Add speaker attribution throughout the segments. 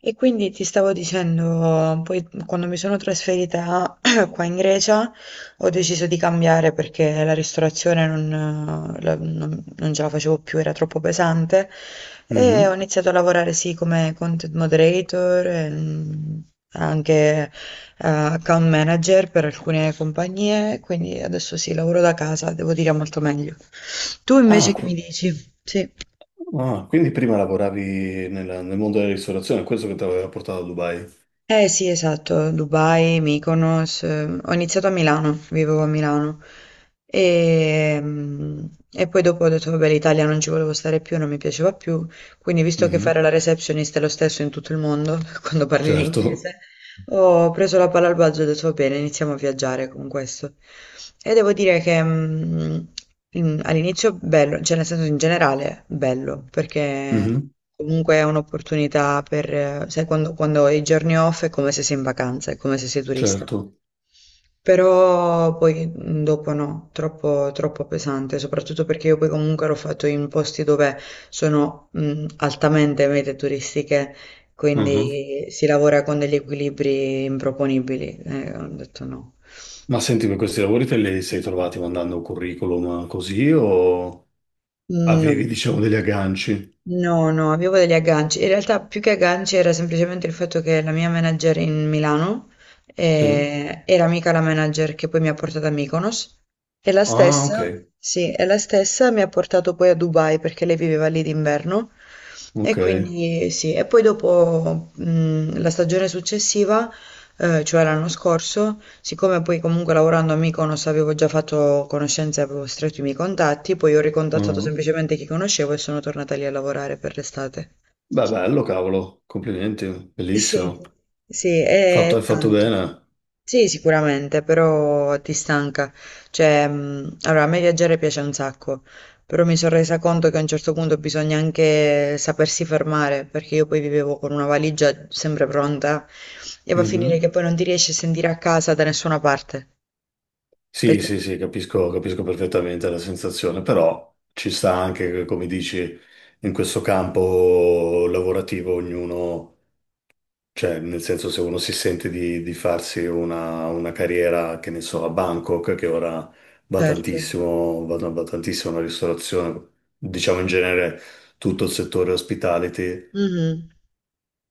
Speaker 1: E quindi ti stavo dicendo, poi quando mi sono trasferita qua in Grecia ho deciso di cambiare perché la ristorazione non, non ce la facevo più, era troppo pesante e ho
Speaker 2: Mhm.
Speaker 1: iniziato a lavorare sì come content moderator e anche account manager per alcune compagnie, quindi adesso sì, lavoro da casa, devo dire molto meglio. Tu invece
Speaker 2: Ah,
Speaker 1: che mi
Speaker 2: qu-
Speaker 1: dici? Sì.
Speaker 2: ah, quindi prima lavoravi nel mondo della ristorazione, questo che ti aveva portato a Dubai.
Speaker 1: Eh sì, esatto, Dubai, Mykonos, ho iniziato a Milano, vivevo a Milano e, mm, e poi dopo ho detto vabbè l'Italia non ci volevo stare più, non mi piaceva più, quindi visto che
Speaker 2: Mhm.
Speaker 1: fare la receptionist è lo stesso in tutto il mondo quando parli
Speaker 2: Certo.
Speaker 1: l'inglese, oh, ho preso la palla al balzo e ho detto va bene, iniziamo a viaggiare con questo. E devo dire che all'inizio bello, cioè nel senso in generale bello, perché
Speaker 2: Mhm.
Speaker 1: comunque è un'opportunità per, sai, quando hai i giorni off è come se sei in vacanza, è come se sei turista.
Speaker 2: Certo.
Speaker 1: Però poi dopo no, troppo, troppo pesante, soprattutto perché io poi comunque l'ho fatto in posti dove sono altamente mete turistiche
Speaker 2: Mhm.
Speaker 1: quindi si lavora con degli equilibri improponibili. Ho detto no.
Speaker 2: Ma senti, per questi lavori te li sei trovati mandando un curriculum così o avevi,
Speaker 1: No,
Speaker 2: diciamo, degli agganci?
Speaker 1: no, no, avevo degli agganci. In realtà più che agganci era semplicemente il fatto che la mia manager in Milano
Speaker 2: Sì.
Speaker 1: era amica la manager che poi mi ha portato a Mykonos e la
Speaker 2: Ah, ok,
Speaker 1: stessa, sì, e la stessa mi ha portato poi a Dubai perché lei viveva lì d'inverno e
Speaker 2: ok.
Speaker 1: quindi sì, e poi dopo la stagione successiva, cioè l'anno scorso, siccome poi comunque lavorando a Mykonos avevo già fatto conoscenze, avevo stretto i miei contatti, poi ho ricontattato
Speaker 2: Ah.
Speaker 1: semplicemente chi conoscevo e sono tornata lì a lavorare per l'estate.
Speaker 2: Beh, bello, cavolo, complimenti,
Speaker 1: Sì,
Speaker 2: bellissimo.
Speaker 1: sì,
Speaker 2: Fatto,
Speaker 1: è
Speaker 2: hai fatto
Speaker 1: tanto.
Speaker 2: bene.
Speaker 1: Sì, sicuramente, però ti stanca. Cioè, allora, a me viaggiare piace un sacco, però mi sono resa conto che a un certo punto bisogna anche sapersi fermare, perché io poi vivevo con una valigia sempre pronta e va a finire che poi non ti riesci a sentire a casa da nessuna parte.
Speaker 2: Sì,
Speaker 1: Perché?
Speaker 2: sì, sì, capisco, capisco perfettamente la sensazione, però ci sta anche che, come dici, in questo campo lavorativo ognuno, cioè nel senso se uno si sente di farsi una carriera, che ne so, a Bangkok, che ora va
Speaker 1: Certo.
Speaker 2: tantissimo, va tantissimo la ristorazione, diciamo in genere tutto il settore hospitality,
Speaker 1: Mh-mh.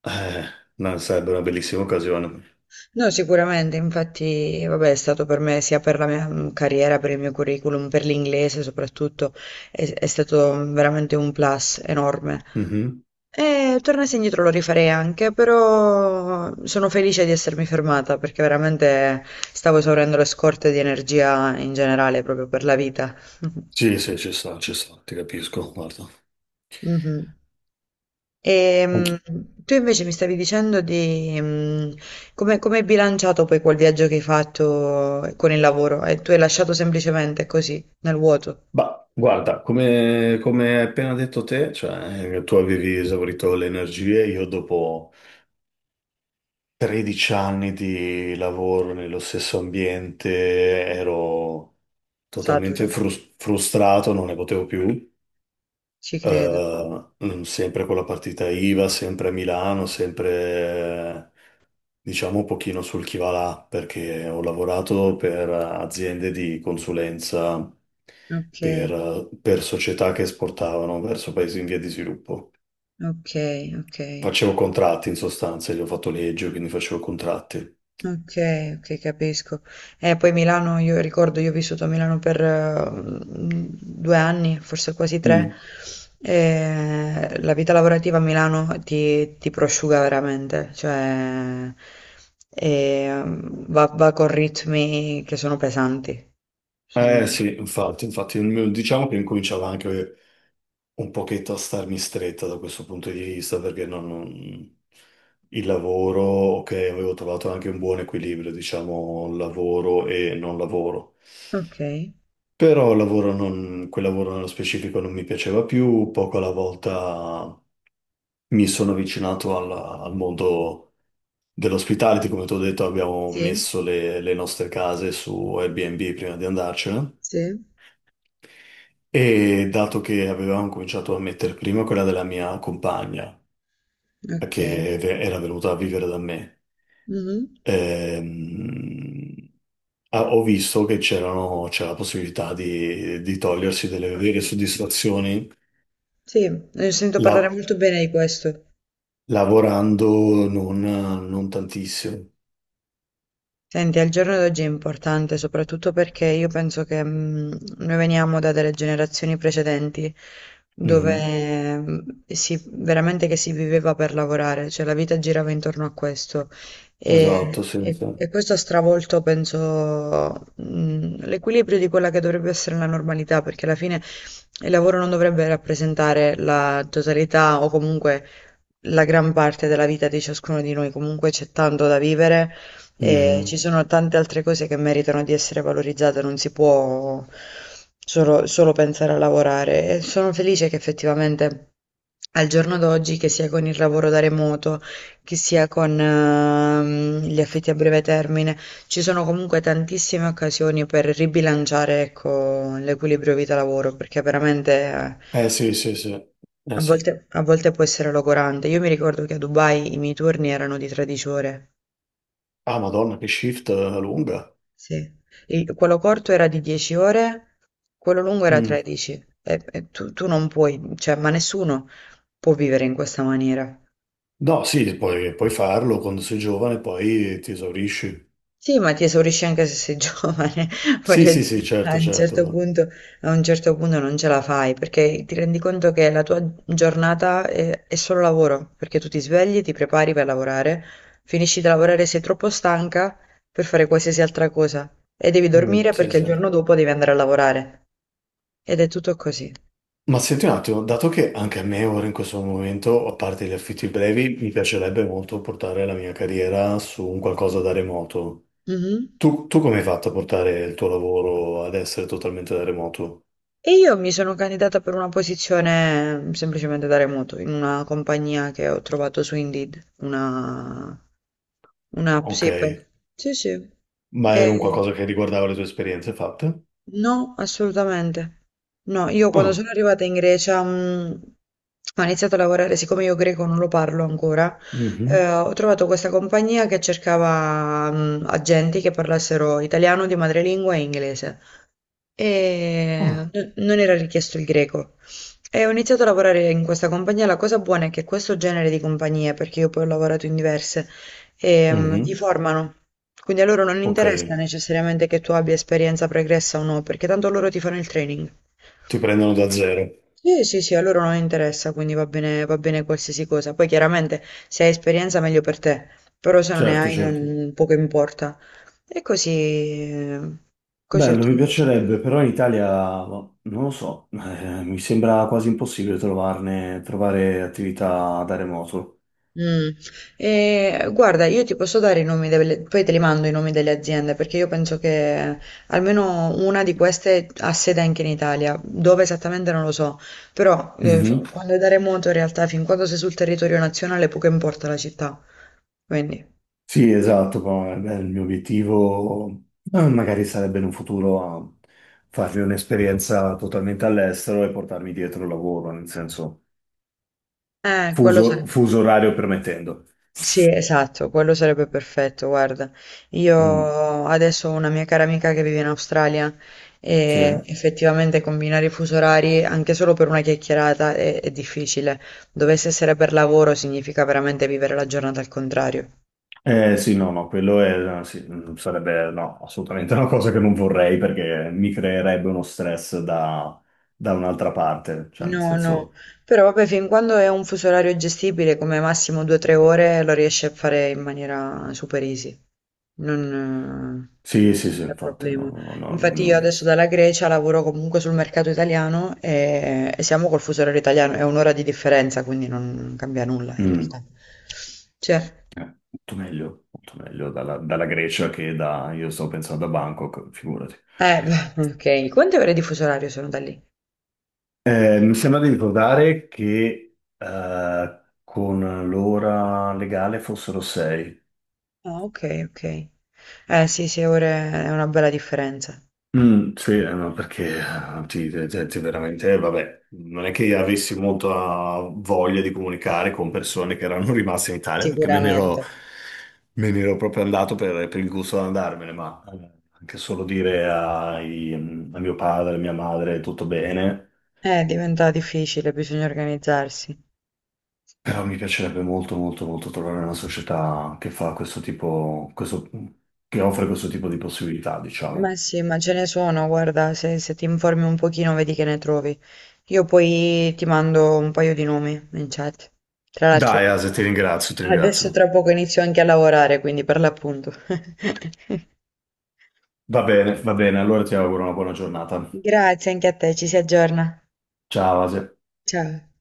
Speaker 2: eh, no, sarebbe una bellissima occasione.
Speaker 1: No, sicuramente, infatti, vabbè, è stato per me sia per la mia, carriera, per il mio curriculum, per l'inglese soprattutto, è stato veramente un plus enorme.
Speaker 2: Mhm.
Speaker 1: E tornassi indietro lo rifarei anche, però sono felice di essermi fermata perché veramente stavo esaurendo le scorte di energia in generale proprio per la vita.
Speaker 2: Sì, sì, ci sta, ti capisco, guarda.
Speaker 1: Mh-mh. Ehm,
Speaker 2: Anch-
Speaker 1: Tu invece mi stavi dicendo di come hai bilanciato poi quel viaggio che hai fatto con il lavoro e tu hai lasciato semplicemente così, nel vuoto,
Speaker 2: Bah, guarda, come hai appena detto te, cioè, tu avevi esaurito le energie, io dopo 13 anni di lavoro nello stesso ambiente ero totalmente
Speaker 1: saturo,
Speaker 2: frustrato, non ne potevo più.
Speaker 1: ci credo.
Speaker 2: Sempre con la partita IVA, sempre a Milano, sempre diciamo un pochino sul chi va là, perché ho lavorato per aziende di consulenza,
Speaker 1: Ok,
Speaker 2: per società che esportavano verso paesi in via di sviluppo.
Speaker 1: ok, ok.
Speaker 2: Facevo contratti in sostanza, io ho fatto legge, quindi facevo contratti.
Speaker 1: Okay, okay, capisco. Poi Milano io ricordo, io ho vissuto a Milano per, 2 anni, forse quasi 3,
Speaker 2: Mm.
Speaker 1: e la vita lavorativa a Milano ti prosciuga veramente, cioè, va con ritmi che sono pesanti. Sono
Speaker 2: Eh sì, infatti, infatti, diciamo che incominciava anche un pochetto a starmi stretta da questo punto di vista, perché il lavoro, ok, avevo trovato anche un buon equilibrio, diciamo, lavoro e non lavoro.
Speaker 1: Okay,
Speaker 2: Però il lavoro non- quel lavoro nello specifico non mi piaceva più, poco alla volta mi sono avvicinato al mondo dell'ospitality, come ti ho detto abbiamo
Speaker 1: sì,
Speaker 2: messo le nostre case su Airbnb prima di andarcene
Speaker 1: sì,
Speaker 2: e dato che avevamo cominciato a mettere prima quella della mia compagna,
Speaker 1: okay.
Speaker 2: che era venuta a vivere da me,
Speaker 1: Mh-mh.
Speaker 2: ehm, ah, ho visto che c'era la possibilità di togliersi delle vere soddisfazioni.
Speaker 1: Sì, ne sento parlare
Speaker 2: la-
Speaker 1: molto bene di questo.
Speaker 2: Lavorando non tantissimo.
Speaker 1: Senti, al giorno d'oggi è importante soprattutto perché io penso che noi veniamo da delle generazioni precedenti
Speaker 2: Mhm.
Speaker 1: dove si, veramente che si viveva per lavorare, cioè la vita girava intorno a questo e,
Speaker 2: Esatto,
Speaker 1: e-
Speaker 2: senza.
Speaker 1: e questo ha stravolto, penso, l'equilibrio di quella che dovrebbe essere la normalità, perché alla fine il lavoro non dovrebbe rappresentare la totalità o comunque la gran parte della vita di ciascuno di noi, comunque c'è tanto da vivere e ci
Speaker 2: Mhm.
Speaker 1: sono tante altre cose che meritano di essere valorizzate, non si può solo, solo pensare a lavorare. E sono felice che effettivamente al giorno d'oggi, che sia con il lavoro da remoto, che sia con gli affitti a breve termine, ci sono comunque tantissime occasioni per ribilanciare, ecco, l'equilibrio vita-lavoro, perché veramente eh,
Speaker 2: Eh sì, sì, sì. Sì.
Speaker 1: a volte può essere logorante. Io mi ricordo che a Dubai i miei turni erano di 13 ore.
Speaker 2: Ah, Madonna, che shift lunga.
Speaker 1: Sì. Quello corto era di 10 ore, quello lungo era
Speaker 2: Mm.
Speaker 1: 13. E tu non puoi, cioè, ma nessuno può vivere in questa maniera.
Speaker 2: No, sì, puoi, puoi farlo quando sei giovane, poi ti esaurisci.
Speaker 1: Sì, ma ti esaurisci anche se sei giovane,
Speaker 2: Sì,
Speaker 1: voglio
Speaker 2: sì, sì,
Speaker 1: dire, a
Speaker 2: certo,
Speaker 1: un certo
Speaker 2: certo.
Speaker 1: punto, a un certo punto non ce la fai, perché ti rendi conto che la tua giornata è solo lavoro, perché tu ti svegli, ti prepari per lavorare, finisci di lavorare, sei troppo stanca per fare qualsiasi altra cosa e devi
Speaker 2: Mm,
Speaker 1: dormire
Speaker 2: sì,
Speaker 1: perché il
Speaker 2: sì.
Speaker 1: giorno dopo devi andare a lavorare. Ed è tutto così.
Speaker 2: Ma senti un attimo, dato che anche a me ora in questo momento, a parte gli affitti brevi, mi piacerebbe molto portare la mia carriera su un qualcosa da remoto.
Speaker 1: Mhm.
Speaker 2: Tu come hai fatto a portare il tuo lavoro ad essere totalmente da remoto?
Speaker 1: E io mi sono candidata per una posizione semplicemente da remoto in una compagnia che ho trovato su Indeed, una Un'app,
Speaker 2: Ok,
Speaker 1: sì, per sì, sì.
Speaker 2: ma era un
Speaker 1: Ehm,
Speaker 2: qualcosa che riguardava le tue esperienze fatte?
Speaker 1: no, assolutamente. No, io quando
Speaker 2: Ah,
Speaker 1: sono arrivata in Grecia, ho iniziato a lavorare, siccome io greco non lo parlo ancora,
Speaker 2: mhm.
Speaker 1: ho trovato questa compagnia che cercava, agenti che parlassero italiano di madrelingua e inglese e
Speaker 2: Ah,
Speaker 1: non era richiesto il greco. E ho iniziato a lavorare in questa compagnia. La cosa buona è che questo genere di compagnie, perché io poi ho lavorato in diverse, ti
Speaker 2: mhm.
Speaker 1: formano. Quindi a loro non
Speaker 2: Ok,
Speaker 1: interessa necessariamente che tu abbia esperienza pregressa o no, perché tanto loro ti fanno il training.
Speaker 2: ti prendono da zero.
Speaker 1: Sì, sì, sì, a loro non interessa, quindi va bene qualsiasi cosa. Poi chiaramente se hai esperienza meglio per te, però se non ne
Speaker 2: Certo,
Speaker 1: hai
Speaker 2: certo.
Speaker 1: non, poco importa. E così ho
Speaker 2: Bello, mi
Speaker 1: trovato.
Speaker 2: piacerebbe, però in Italia, boh, non lo so, mi sembra quasi impossibile trovarne, trovare attività da remoto.
Speaker 1: Mm. E, guarda, io ti posso dare poi te li mando i nomi delle aziende perché io penso che almeno una di queste ha sede anche in Italia, dove esattamente non lo so, però quando è da remoto in realtà fin quando sei sul territorio nazionale poco importa la città, quindi
Speaker 2: Sì, esatto, poi, beh, il mio obiettivo magari sarebbe in un futuro a farmi un'esperienza totalmente all'estero e portarmi dietro il lavoro, nel senso
Speaker 1: quello
Speaker 2: fuso,
Speaker 1: sai.
Speaker 2: fuso orario permettendo.
Speaker 1: Sì, esatto, quello sarebbe perfetto. Guarda,
Speaker 2: Mm,
Speaker 1: io adesso ho una mia cara amica che vive in Australia e
Speaker 2: sì.
Speaker 1: effettivamente combinare i fusi orari anche solo per una chiacchierata è difficile. Dovesse essere per lavoro significa veramente vivere la giornata al contrario.
Speaker 2: Sì, no, no, quello è, sì, mm, sarebbe no, assolutamente una cosa che non vorrei perché mi creerebbe uno stress da, da un'altra parte, cioè nel
Speaker 1: No, no,
Speaker 2: senso...
Speaker 1: però vabbè, fin quando è un fuso orario gestibile, come massimo 2 tre ore, lo riesce a fare in maniera super easy. Non
Speaker 2: Sì, sì, sì,
Speaker 1: c'è
Speaker 2: infatti,
Speaker 1: problema.
Speaker 2: no, no, no, no,
Speaker 1: Infatti io
Speaker 2: no.
Speaker 1: adesso dalla Grecia lavoro comunque sul mercato italiano e siamo col fuso orario italiano, è un'ora di differenza, quindi non cambia nulla in
Speaker 2: Mm.
Speaker 1: realtà. Cioè,
Speaker 2: Molto meglio, molto meglio dalla, dalla Grecia che da... Io stavo pensando a Bangkok, figurati.
Speaker 1: eh, beh, ok, quante ore di fuso orario sono da lì?
Speaker 2: Mi sembra di ricordare che con l'ora legale fossero sei.
Speaker 1: Ah, ok, ok. Eh sì, sì, ore è una bella differenza.
Speaker 2: Mm, sì, ma perché ti, ti veramente, vabbè, non è che avessi molta voglia di comunicare con persone che erano rimaste in Italia, perché me ne
Speaker 1: Sicuramente.
Speaker 2: ero, me ne ero proprio andato per il gusto di andarmene, ma anche solo dire a mio padre, a mia madre, tutto bene.
Speaker 1: Diventa difficile, bisogna organizzarsi.
Speaker 2: Però mi piacerebbe molto, molto, molto trovare una società che fa questo tipo, questo, che offre questo tipo di possibilità,
Speaker 1: Ma
Speaker 2: diciamo.
Speaker 1: sì, ma ce ne sono, guarda, se ti informi un pochino vedi che ne trovi. Io poi ti mando un paio di nomi in chat. Tra l'altro,
Speaker 2: Dai, Ase, ti ringrazio, ti
Speaker 1: adesso
Speaker 2: ringrazio.
Speaker 1: tra poco inizio anche a lavorare, quindi per l'appunto.
Speaker 2: Va bene, allora ti auguro una buona giornata.
Speaker 1: Grazie anche a te, ci si aggiorna.
Speaker 2: Ciao, Asia.
Speaker 1: Ciao.